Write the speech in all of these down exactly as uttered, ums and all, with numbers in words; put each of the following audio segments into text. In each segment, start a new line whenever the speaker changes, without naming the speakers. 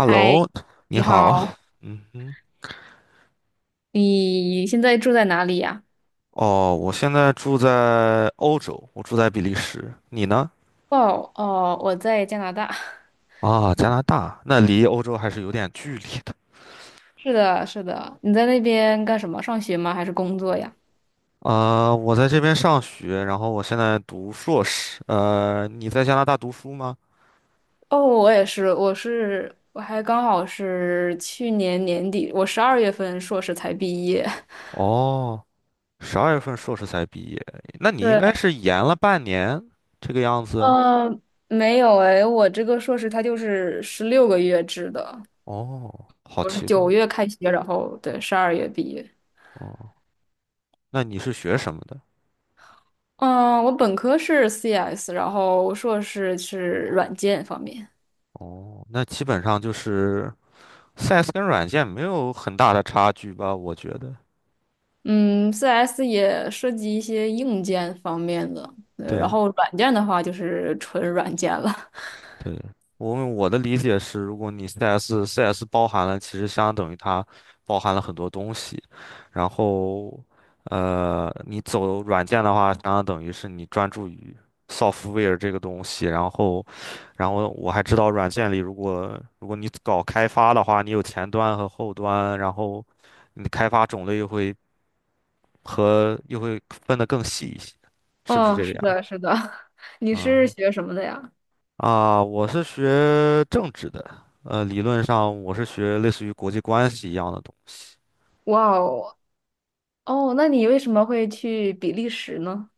嗨，
你
你
好。
好，
嗯哼，
你现在住在哪里呀？
哦，我现在住在欧洲，我住在比利时。你呢？
哦哦，我在加拿大。
啊，加拿大，那离欧洲还是有点距离的。
是的，是的，你在那边干什么？上学吗？还是工作呀？
呃，我在这边上学，然后我现在读硕士。呃，你在加拿大读书吗？
哦，我也是，我是，我还刚好是去年年底，我十二月份硕士才毕业。
哦，十二月份硕士才毕业，那 你应
对，
该是延了半年这个样子。
呃，没有诶，我这个硕士它就是十六个月制的，
哦，好
我是
奇怪。
九月开学，然后对，十二月毕业。
哦，那你是学什么的？
嗯，我本科是 C S,然后硕士是软件方面。
哦，那基本上就是，C S 跟软件没有很大的差距吧？我觉得，
嗯，C S 也涉及一些硬件方面的，呃然
对
后软件的话就是纯软件了。
对，我我的理解是，如果你 C S C S 包含了，其实相等于它包含了很多东西，然后呃，你走软件的话，相当等于是你专注于 software 这个东西，然后然后我还知道软件里，如果如果你搞开发的话，你有前端和后端，然后你的开发种类又会和又会分得更细一些，是不是
哦，
这个
是
样？
的，是的。你是
嗯
学什么的呀？
啊，我是学政治的，呃，理论上我是学类似于国际关系一样的东
哇哦，哦，那你为什么会去比利时呢？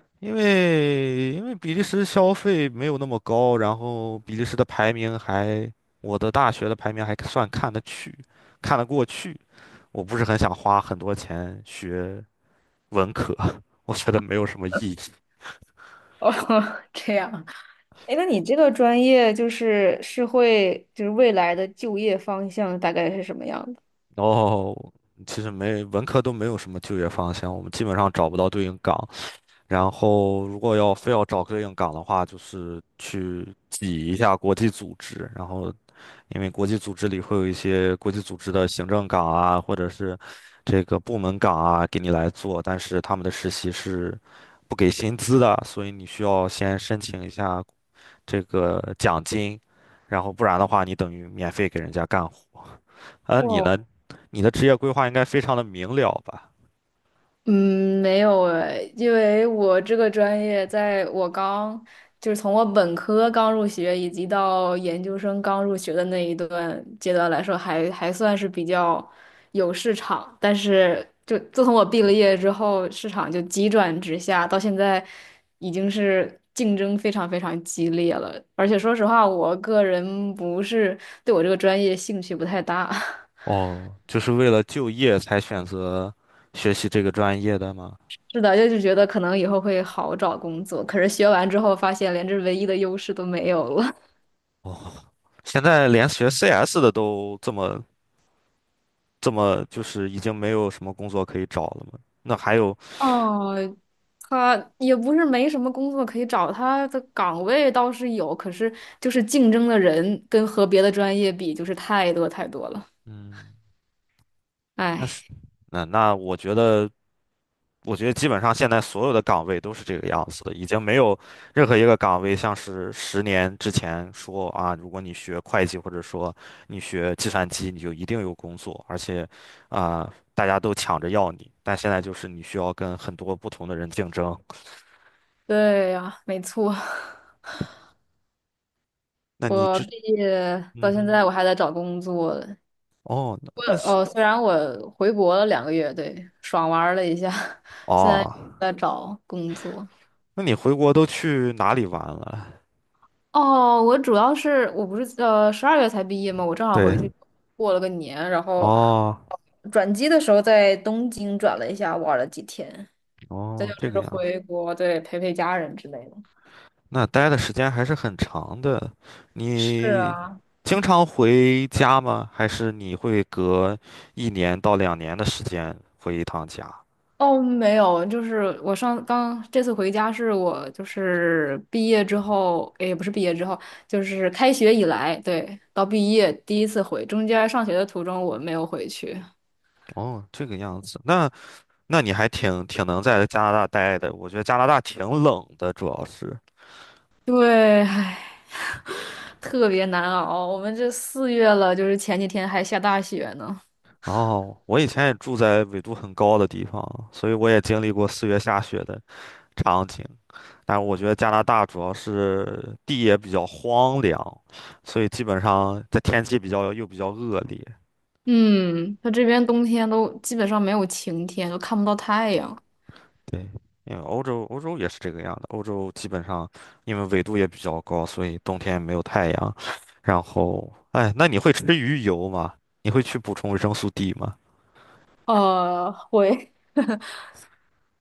西，因为因为比利时消费没有那么高，然后比利时的排名还，我的大学的排名还算看得去，看得过去，我不是很想花很多钱学文科，我觉得没有什么意义。
哦，这样。哎，那你这个专业就是是会就是未来的就业方向大概是什么样的？
然后其实没文科都没有什么就业方向，我们基本上找不到对应岗，然后，如果要非要找对应岗的话，就是去挤一下国际组织。然后，因为国际组织里会有一些国际组织的行政岗啊，或者是这个部门岗啊，给你来做，但是他们的实习是不给薪资的，所以你需要先申请一下这个奖金，然后不然的话，你等于免费给人家干活。呃，你呢？你的职业规划应该非常的明了吧？
嗯，没有诶，因为我这个专业，在我刚就是从我本科刚入学，以及到研究生刚入学的那一段阶段来说还，还算是比较有市场。但是，就自从我毕了业之后，市场就急转直下，到现在已经是竞争非常非常激烈了。而且说实话，我个人不是对我这个专业兴趣不太大。
哦，就是为了就业才选择学习这个专业的吗？
是的，就是觉得可能以后会好找工作，可是学完之后发现连这唯一的优势都没有了。
哦，现在连学 C S 的都这么这么，就是已经没有什么工作可以找了吗？那还有，
哦，他也不是没什么工作可以找，他的岗位倒是有，可是就是竞争的人跟和别的专业比，就是太多太多了。
嗯，那
哎，
是那那我觉得我觉得基本上现在所有的岗位都是这个样子的，已经没有任何一个岗位像是十年之前说啊，如果你学会计或者说你学计算机，你就一定有工作，而且啊，大家都抢着要你。但现在就是你需要跟很多不同的人竞争。
对呀，没错，
那你
我
之
毕业
嗯
到现
哼。
在我还在找工作。
哦，那那
呃
是。
哦，虽然我回国了两个月，对，爽玩儿了一下，现在
哦，
在找工作。
那你回国都去哪里玩了？
哦，我主要是我不是呃十二月才毕业嘛，我正好
对，
回去过了个年，然后
哦
转机的时候在东京转了一下，玩了几天，再就
哦，这个
是
样。
回国，对，陪陪家人之类的。
那待的时间还是很长的。
是
你
啊。
经常回家吗？还是你会隔一年到两年的时间回一趟家？
哦，没有，就是我上刚这次回家是我就是毕业之后，也不是毕业之后，就是开学以来，对，到毕业第一次回，中间上学的途中我没有回去。
哦，这个样子，那那你还挺挺能在加拿大待的。我觉得加拿大挺冷的，主要是。
对，唉。特别难熬。我们这四月了，就是前几天还下大雪呢。
哦，我以前也住在纬度很高的地方，所以我也经历过四月下雪的场景。但是我觉得加拿大主要是地也比较荒凉，所以基本上在天气比较又比较恶劣。
嗯，它这边冬天都基本上没有晴天，都看不到太阳。
对，因为欧洲欧洲也是这个样的，欧洲基本上因为纬度也比较高，所以冬天没有太阳。然后，哎，那你会吃鱼油吗？你会去补充维生素 D 吗？
呃，会，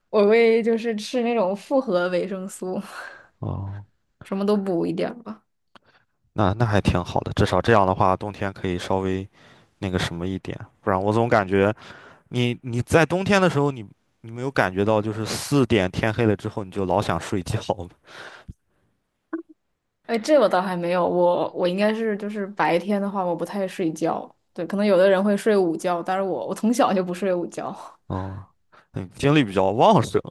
我会就是吃那种复合维生素，
哦，
什么都补一点儿吧。
那那还挺好的，至少这样的话，冬天可以稍微那个什么一点，不然我总感觉你你在冬天的时候你，你没有感觉到就是四点天黑了之后你就老想睡觉吗？
哎，这我倒还没有，我我应该是就是白天的话，我不太睡觉。对，可能有的人会睡午觉，但是我我从小就不睡午觉，
哦，嗯，精力比较旺盛，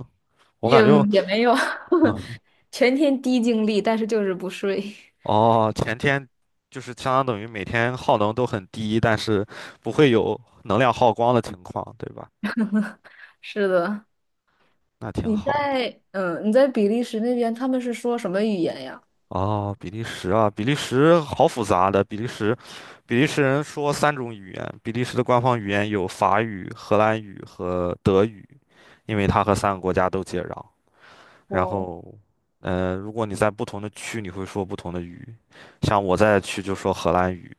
我
也
感觉，
也没有
嗯，
全天低精力，但是就是不睡。
哦，前天就是相当等于每天耗能都很低，但是不会有能量耗光的情况，对吧？
是的，
那挺
你
好的。
在嗯你在比利时那边，他们是说什么语言呀？
哦，比利时啊，比利时好复杂的。比利时，比利时人说三种语言，比利时的官方语言有法语、荷兰语和德语，因为它和三个国家都接壤。
哇
然
哦，
后，嗯，如果你在不同的区，你会说不同的语。像我在的区就说荷兰语，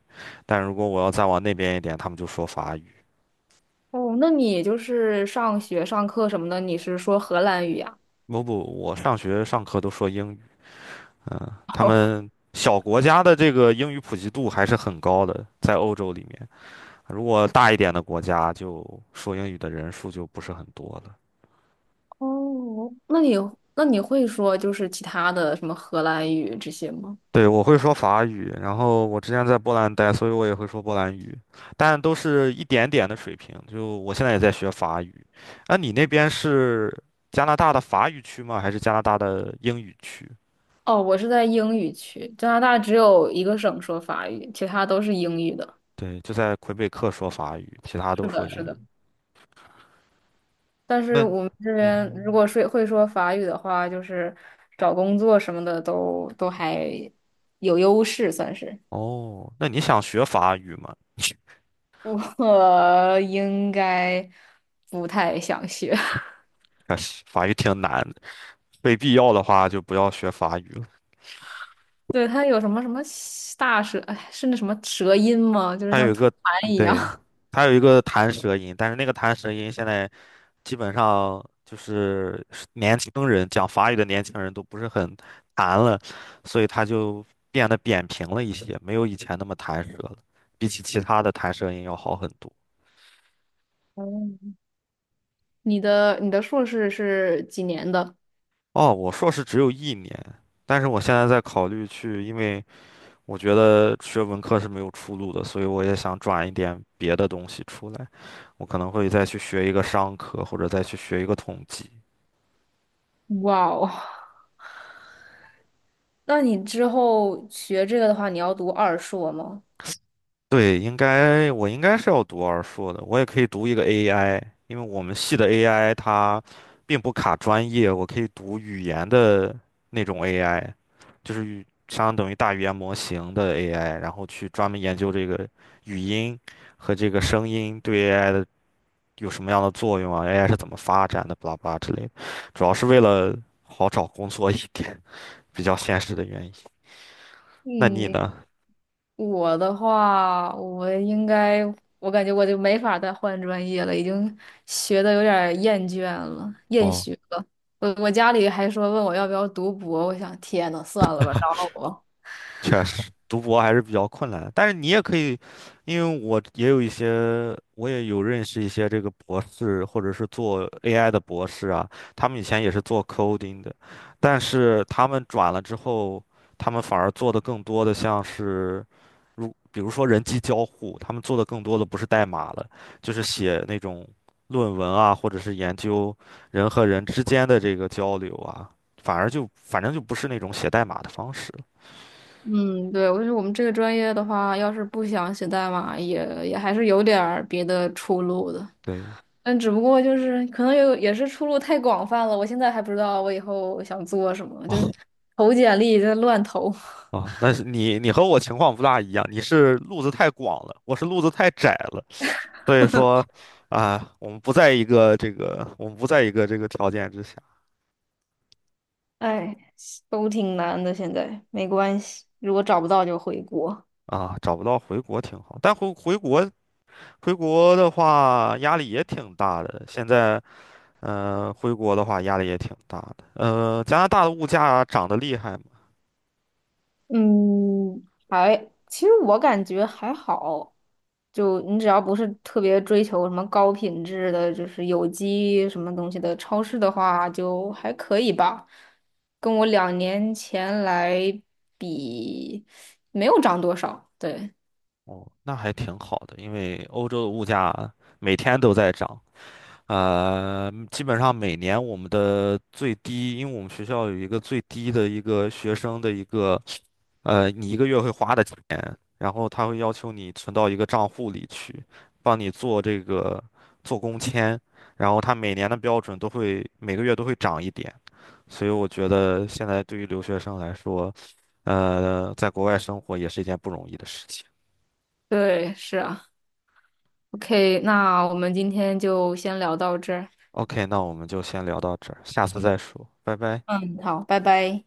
但如果我要再往那边一点，他们就说法语。
哦，那你就是上学上课什么的，你是说荷兰语呀？
不不，我上学上课都说英语，嗯，他
哦，
们小国家的这个英语普及度还是很高的，在欧洲里面，如果大一点的国家，就说英语的人数就不是很多了。
哦，那你那你会说就是其他的什么荷兰语这些吗？
对，我会说法语，然后我之前在波兰待，所以我也会说波兰语，但都是一点点的水平。就我现在也在学法语，那你那边是加拿大的法语区吗？还是加拿大的英语区？
哦，我是在英语区，加拿大只有一个省说法语，其他都是英语的。
对，就在魁北克说法语，其他都
是
说
的，
英
是
语。
的。但是
那，
我们这
嗯
边如
哼。
果说会说法语的话，就是找工作什么的都都还有优势，算是。
哦，那你想学法语吗？
我应该不太想学。
可是法语挺难的，非必要的话就不要学法语了。
对，他有什么什么大舌，哎，是那什么舌音吗？就是
还有
像
一
吐
个，
痰一
对，
样。
还有一个弹舌音，但是那个弹舌音现在基本上就是年轻人讲法语的年轻人都不是很弹了，所以它就变得扁平了一些，没有以前那么弹舌了，比起其他的弹舌音要好很多。
哦，你的你的硕士是几年的？
哦，我硕士只有一年，但是我现在在考虑去，因为。我觉得学文科是没有出路的，所以我也想转一点别的东西出来。我可能会再去学一个商科，或者再去学一个统计。
哇哦，那你之后学这个的话，你要读二硕吗？
对，应该我应该是要读二硕的，我也可以读一个 A I，因为我们系的 A I 它并不卡专业，我可以读语言的那种 AI，就是语相当于大语言模型的 A I,然后去专门研究这个语音和这个声音对 A I 的有什么样的作用啊？A I 是怎么发展的？巴拉巴拉之类的，主要是为了好找工作一点，比较现实的原因。那你
嗯。
呢？
我的话，我应该，我感觉我就没法再换专业了，已经学的有点儿厌倦了，厌
哦。
学了。我我家里还说问我要不要读博，我想天呐，算了吧，饶了我。
确实，读博还是比较困难的但是你也可以，因为我也有一些，我也有认识一些这个博士，或者是做 A I 的博士啊，他们以前也是做 coding 的，但是他们转了之后，他们反而做的更多的像是，如比如说人机交互，他们做的更多的不是代码了，就是写那种论文啊，或者是研究人和人之间的这个交流啊，反而就反正就不是那种写代码的方式了
嗯，对，我觉得我们这个专业的话，要是不想写代码，也也还是有点儿别的出路的。
对。
但只不过就是可能有也是出路太广泛了，我现在还不知道我以后想做什么，就是 投简历就乱投。
哦啊，但是你你和我情况不大一样，你是路子太广了，我是路子太窄了，所以说啊，我们不在一个这个，我们不在一个这个条件之下
哎，都挺难的，现在没关系，如果找不到就回国。
啊，找不到回国挺好，但回回国回国的话压力也挺大的，现在呃回国的话压力也挺大的，呃，加拿大的物价涨得厉害吗？
嗯，还，其实我感觉还好，就你只要不是特别追求什么高品质的，就是有机什么东西的超市的话，就还可以吧。跟我两年前来比，没有涨多少。对，
哦，那还挺好的，因为欧洲的物价每天都在涨。呃，基本上每年我们的最低，因为我们学校有一个最低的一个学生的一个，呃，你一个月会花的钱，然后他会要求你存到一个账户里去，帮你做这个做工签，然后他每年的标准都会每个月都会涨一点，所以我觉得现在对于留学生来说，呃，在国外生活也是一件不容易的事情。
对，是啊。OK,那我们今天就先聊到这儿。
OK，那我们就先聊到这儿，下次再说，拜拜。
嗯，好，拜拜。